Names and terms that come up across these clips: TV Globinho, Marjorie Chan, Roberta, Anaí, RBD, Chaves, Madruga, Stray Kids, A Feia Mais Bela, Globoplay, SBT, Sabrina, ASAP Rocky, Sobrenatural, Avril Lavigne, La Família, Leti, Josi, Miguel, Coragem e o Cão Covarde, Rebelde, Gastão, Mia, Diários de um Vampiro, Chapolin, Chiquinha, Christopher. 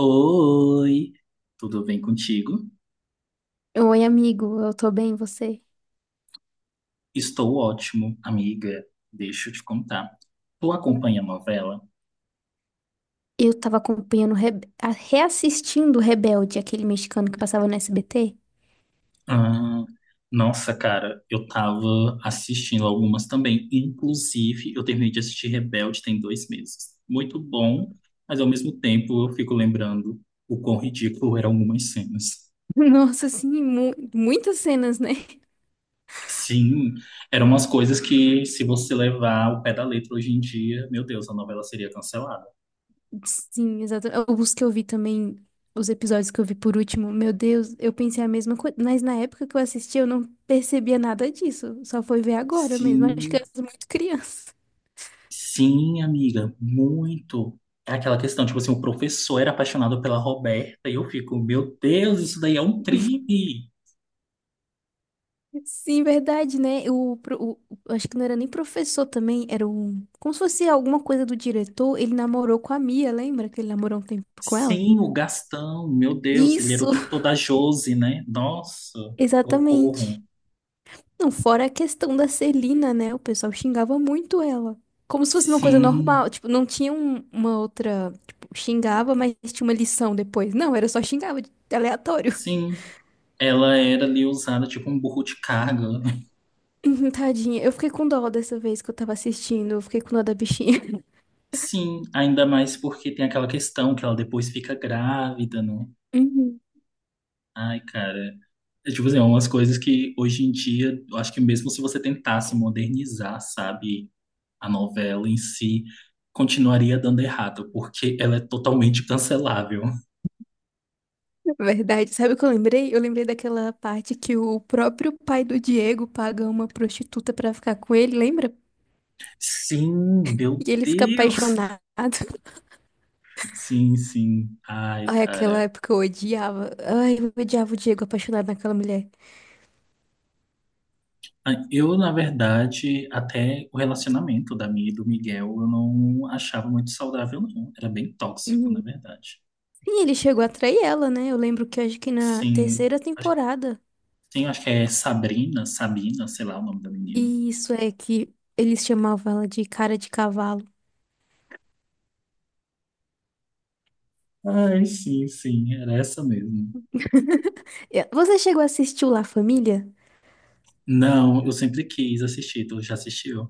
Oi, tudo bem contigo? Oi, amigo, eu tô bem, e você? Estou ótimo, amiga. Deixa eu te contar. Tu acompanha a novela? Eu tava acompanhando, reassistindo o Rebelde, aquele mexicano que passava no SBT. Ah, nossa, cara, eu tava assistindo algumas também. Inclusive, eu terminei de assistir Rebelde tem 2 meses. Muito bom, mas ao mesmo tempo eu fico lembrando o quão ridículo eram algumas cenas. Nossa, sim, muitas cenas, né? Sim, eram umas coisas que, se você levar o pé da letra hoje em dia, meu Deus, a novela seria cancelada. Sim, exato. Os que eu vi também, os episódios que eu vi por último, meu Deus, eu pensei a mesma coisa, mas na época que eu assisti eu não percebia nada disso, só foi ver agora mesmo, acho que Sim. eu era muito criança. Sim, amiga, muito. É aquela questão, tipo assim, o professor era apaixonado pela Roberta e eu fico, meu Deus, isso daí é um crime. Sim, verdade, né? O, pro- o- Acho que não era nem professor também, era um. Como se fosse alguma coisa do diretor. Ele namorou com a Mia, lembra que ele namorou um tempo com ela? Sim, o Gastão, meu Deus, ele era o Isso! tutor da Josi, né? Nossa, Exatamente. socorro. Não, fora a questão da Celina, né? O pessoal xingava muito ela. Como se fosse uma coisa Sim, normal. Tipo, não tinha uma outra. Tipo, xingava, mas tinha uma lição depois. Não, era só xingava, aleatório. sim. Ela era ali usada tipo um burro de carga, né? Tadinha. Eu fiquei com dó dessa vez que eu tava assistindo. Eu fiquei com dó da bichinha. Sim, ainda mais porque tem aquela questão que ela depois fica grávida, né? Ai, cara. É, tipo assim, é umas coisas que hoje em dia, eu acho que mesmo se você tentasse modernizar, sabe, a novela em si, continuaria dando errado, porque ela é totalmente cancelável. Verdade. Sabe o que eu lembrei? Eu lembrei daquela parte que o próprio pai do Diego paga uma prostituta pra ficar com ele, lembra? Sim, meu E ele fica Deus! apaixonado. Sim, sim. Ai, Ai, aquela cara. época eu odiava. Ai, eu odiava o Diego apaixonado naquela mulher. Ai, eu, na verdade, até o relacionamento da Mia e do Miguel, eu não achava muito saudável, não. Era bem tóxico, na Uhum. verdade. Sim, ele chegou a trair ela, né? Eu lembro que acho que na Sim, terceira acho, temporada. sim, acho que é Sabrina, Sabina, sei lá o nome da menina. E isso é que eles chamavam ela de cara de cavalo. Ai, sim, sim, era essa mesmo. Você chegou a assistir o La Família? Não, eu sempre quis assistir, tu já assistiu?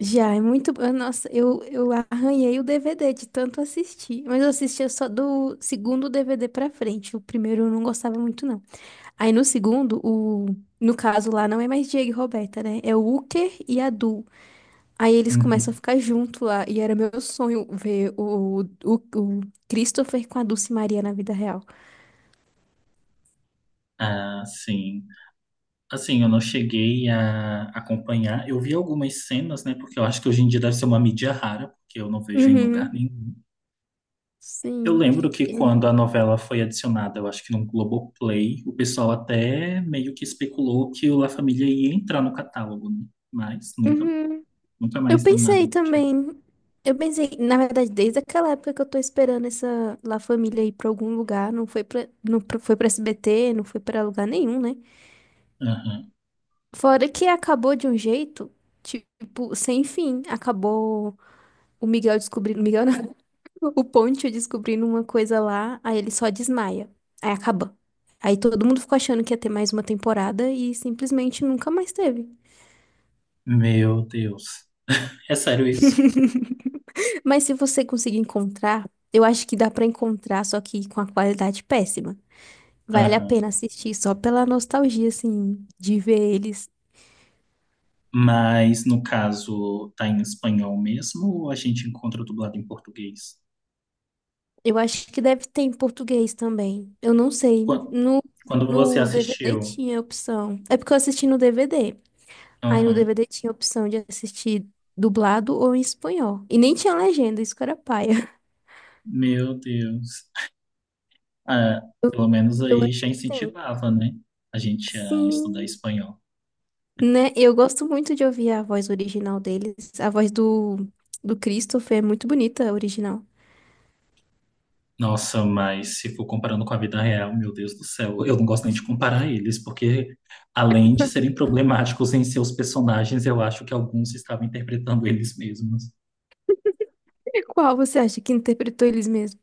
Já, é muito bom. Nossa, eu arranhei o DVD de tanto assistir. Mas eu assistia só do segundo DVD pra frente. O primeiro eu não gostava muito, não. Aí no segundo, no caso lá, não é mais Diego e Roberta, né? É o Uker e a Du. Aí eles começam a Uhum. ficar junto lá. E era meu sonho ver o Christopher com a Dulce Maria na vida real. Ah, sim. Assim, eu não cheguei a acompanhar. Eu vi algumas cenas, né? Porque eu acho que hoje em dia deve ser uma mídia rara, porque eu não vejo em lugar Uhum, nenhum. Eu sim. lembro que É. quando a novela foi adicionada, eu acho que no Globoplay, o pessoal até meio que especulou que o La Família ia entrar no catálogo, né? Mas nunca, Uhum. nunca Eu mais deu nada pensei do tipo. também. Eu pensei, na verdade, desde aquela época que eu tô esperando essa La Família ir pra algum lugar, foi pra SBT, não foi pra lugar nenhum, né? Aham. Fora que acabou de um jeito, tipo, sem fim. Acabou o Miguel descobrindo, Miguel não, o Ponte descobrindo uma coisa lá, aí ele só desmaia. Aí acaba. Aí todo mundo ficou achando que ia ter mais uma temporada e simplesmente nunca mais teve. Meu Deus. É sério isso? Mas se você conseguir encontrar, eu acho que dá pra encontrar, só que com a qualidade péssima. Vale a Aham. pena assistir só pela nostalgia, assim, de ver eles. Mas no caso tá em espanhol mesmo ou a gente encontra dublado em português? Eu acho que deve ter em português também. Eu não sei. Quan- No, Quando você no DVD assistiu? tinha opção. É porque eu assisti no DVD. Aí no Aham. DVD tinha opção de assistir dublado ou em espanhol. E nem tinha legenda, isso que era paia. Meu Deus. Ah, Eu, pelo menos eu aí já acho que tem. incentivava, né? A gente a estudar Sim. espanhol. Né? Eu gosto muito de ouvir a voz original deles. A voz do Christopher é muito bonita, a original. Nossa, mas se for comparando com a vida real, meu Deus do céu, eu não gosto nem de comparar eles, porque além de serem problemáticos em seus personagens, eu acho que alguns estavam interpretando eles mesmos. E qual você acha que interpretou eles mesmos?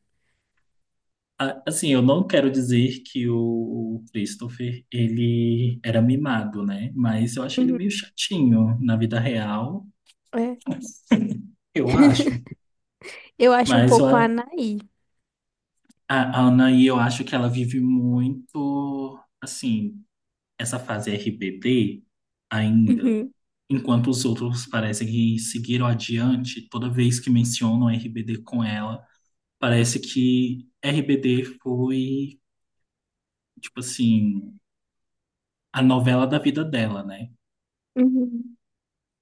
Assim, eu não quero dizer que o Christopher, ele era mimado, né? Mas eu acho ele meio Uhum, chatinho na vida real, é. eu acho. Eu acho um Mas eu pouco a Anaí. a Anaí, eu acho que ela vive muito, assim, essa fase RBD ainda. Uhum, Enquanto os outros parecem que seguiram adiante, toda vez que mencionam RBD com ela, parece que RBD foi, tipo assim, a novela da vida dela, né? uhum.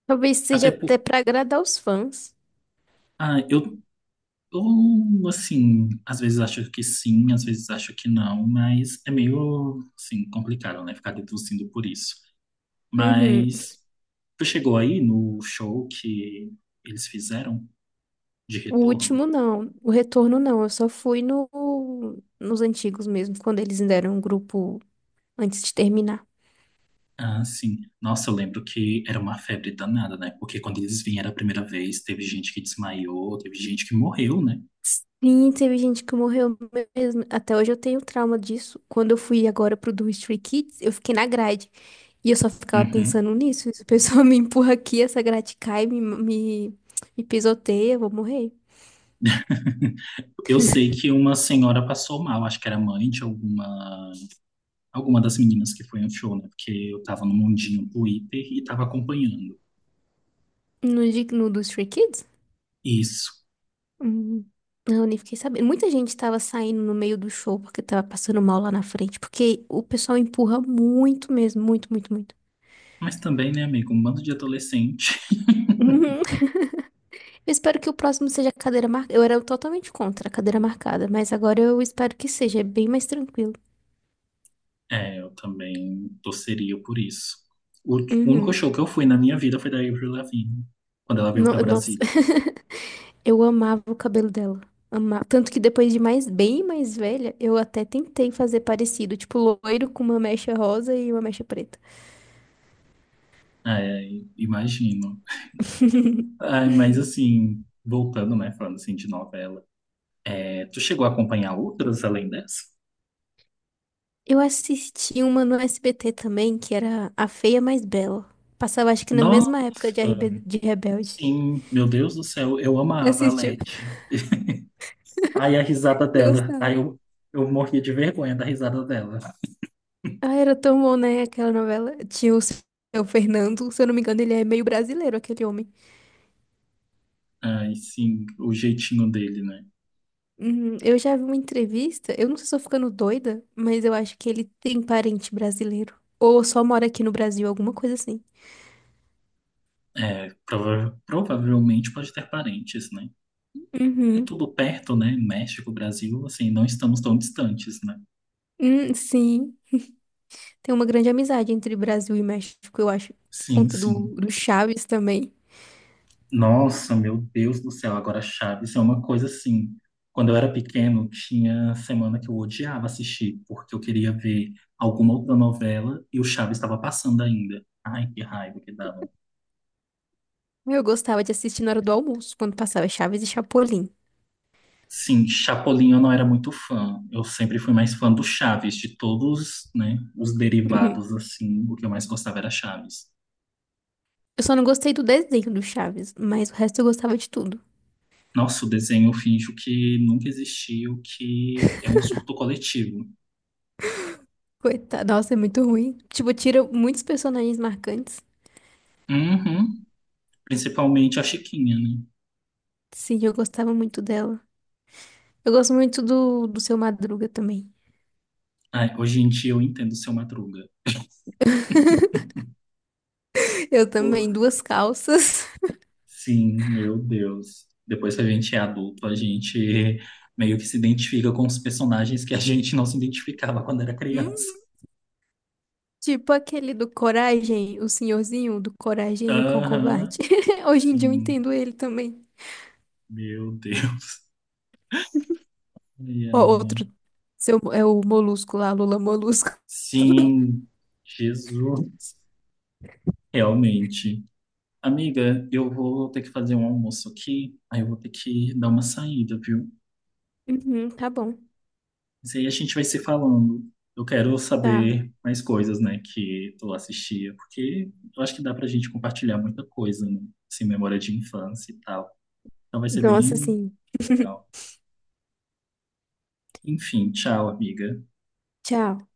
Talvez Até seja até pra agradar os fãs. ah, eu, assim, às vezes acho que sim, às vezes acho que não, mas é meio, assim, complicado, né? Ficar deduzindo por isso. Uhum. Mas tu chegou aí no show que eles fizeram de O retorno? último não, o retorno não. Eu só fui no, nos antigos mesmo, quando eles ainda eram um grupo antes de terminar. Ah, sim. Nossa, eu lembro que era uma febre danada, né? Porque quando eles vieram a primeira vez, teve gente que desmaiou, teve gente que morreu, né? Sim, teve gente que morreu mesmo. Até hoje eu tenho trauma disso. Quando eu fui agora pro do Stray Kids, eu fiquei na grade. E eu só ficava Uhum. pensando nisso. Se a pessoa me empurra aqui, essa grade cai, me pisoteia, eu vou morrer. Eu sei que uma senhora passou mal, acho que era mãe de alguma alguma das meninas que foi no show, né? Porque eu tava no mundinho Twitter e tava acompanhando No do Stray Kids? isso. Hum, não, nem fiquei sabendo. Muita gente tava saindo no meio do show porque tava passando mal lá na frente. Porque o pessoal empurra muito mesmo, muito, muito, muito. Mas também, né, amigo, um bando de adolescente. Eu espero que o próximo seja a cadeira marcada. Eu era totalmente contra a cadeira marcada, mas agora eu espero que seja, é bem mais tranquilo. É, eu também torceria por isso. O o único Uhum. show que eu fui na minha vida foi da Avril Lavigne, quando ela veio pra Nossa, Brasília. eu amava o cabelo dela. Amava. Tanto que depois de mais, bem mais velha, eu até tentei fazer parecido, tipo loiro com uma mecha rosa e uma mecha preta. É, imagino. Ai, mas assim, voltando, né, falando assim de novela. É, tu chegou a acompanhar outras além dessa? Eu assisti uma no SBT também, que era A Feia Mais Bela. Passava, acho que na Nossa, mesma época de Rebelde. sim, meu Deus do céu, eu Você amava a assistiu? Leti. Aí a risada Eu dela. Aí gostava. Eu morria de vergonha da risada dela. Ah, era tão bom, né? Aquela novela. Tinha o seu Fernando, se eu não me engano, ele é meio brasileiro, aquele homem. Ai, sim, o jeitinho dele, né? Eu já vi uma entrevista, eu não sei se eu tô ficando doida, mas eu acho que ele tem parente brasileiro. Ou só mora aqui no Brasil, alguma coisa assim. É, provavelmente pode ter parentes, né? É Uhum. tudo perto, né? México, Brasil, assim, não estamos tão distantes, né? Sim. Tem uma grande amizade entre Brasil e México, eu acho. Por Sim, conta do, sim. do Chaves também. Nossa, meu Deus do céu, agora Chaves é uma coisa assim. Quando eu era pequeno, tinha semana que eu odiava assistir, porque eu queria ver alguma outra novela e o Chaves estava passando ainda. Ai, que raiva que dava. Eu gostava de assistir na hora do almoço, quando passava Chaves e Chapolin. Sim, Chapolin eu não era muito fã. Eu sempre fui mais fã do Chaves, de todos, né, os Uhum. derivados, assim, o que eu mais gostava era Chaves. Eu só não gostei do desenho do Chaves, mas o resto eu gostava de tudo. Nossa, o desenho eu finjo que nunca existiu, que é um surto coletivo. Coitada, nossa, é muito ruim. Tipo, tira muitos personagens marcantes. Uhum. Principalmente a Chiquinha, né? Sim, eu gostava muito dela. Eu gosto muito do Seu Madruga também. Ai, hoje em dia eu entendo o seu Madruga. Eu também, Por- duas calças. Sim, meu Deus. Depois que a gente é adulto, a gente meio que se identifica com os personagens que a gente não se identificava quando era criança. Hum, tipo aquele do Coragem, o senhorzinho do Coragem e o Cão Covarde. Aham, Hoje em dia eu sim. entendo ele também. Meu Deus. Ai, Ó, ai. outro, seu, é o Molusco lá, Lula Molusco. Sim, Jesus. Realmente. Amiga, eu vou ter que fazer um almoço aqui, aí eu vou ter que dar uma saída, viu? Uhum, tá bom. Mas aí a gente vai se falando. Eu quero Tá. saber mais coisas, né, que tu assistia, porque eu acho que dá pra gente compartilhar muita coisa, né? Assim, memória de infância e tal. Então vai ser Nossa, bem sim. legal. Enfim, tchau, amiga. Tchau.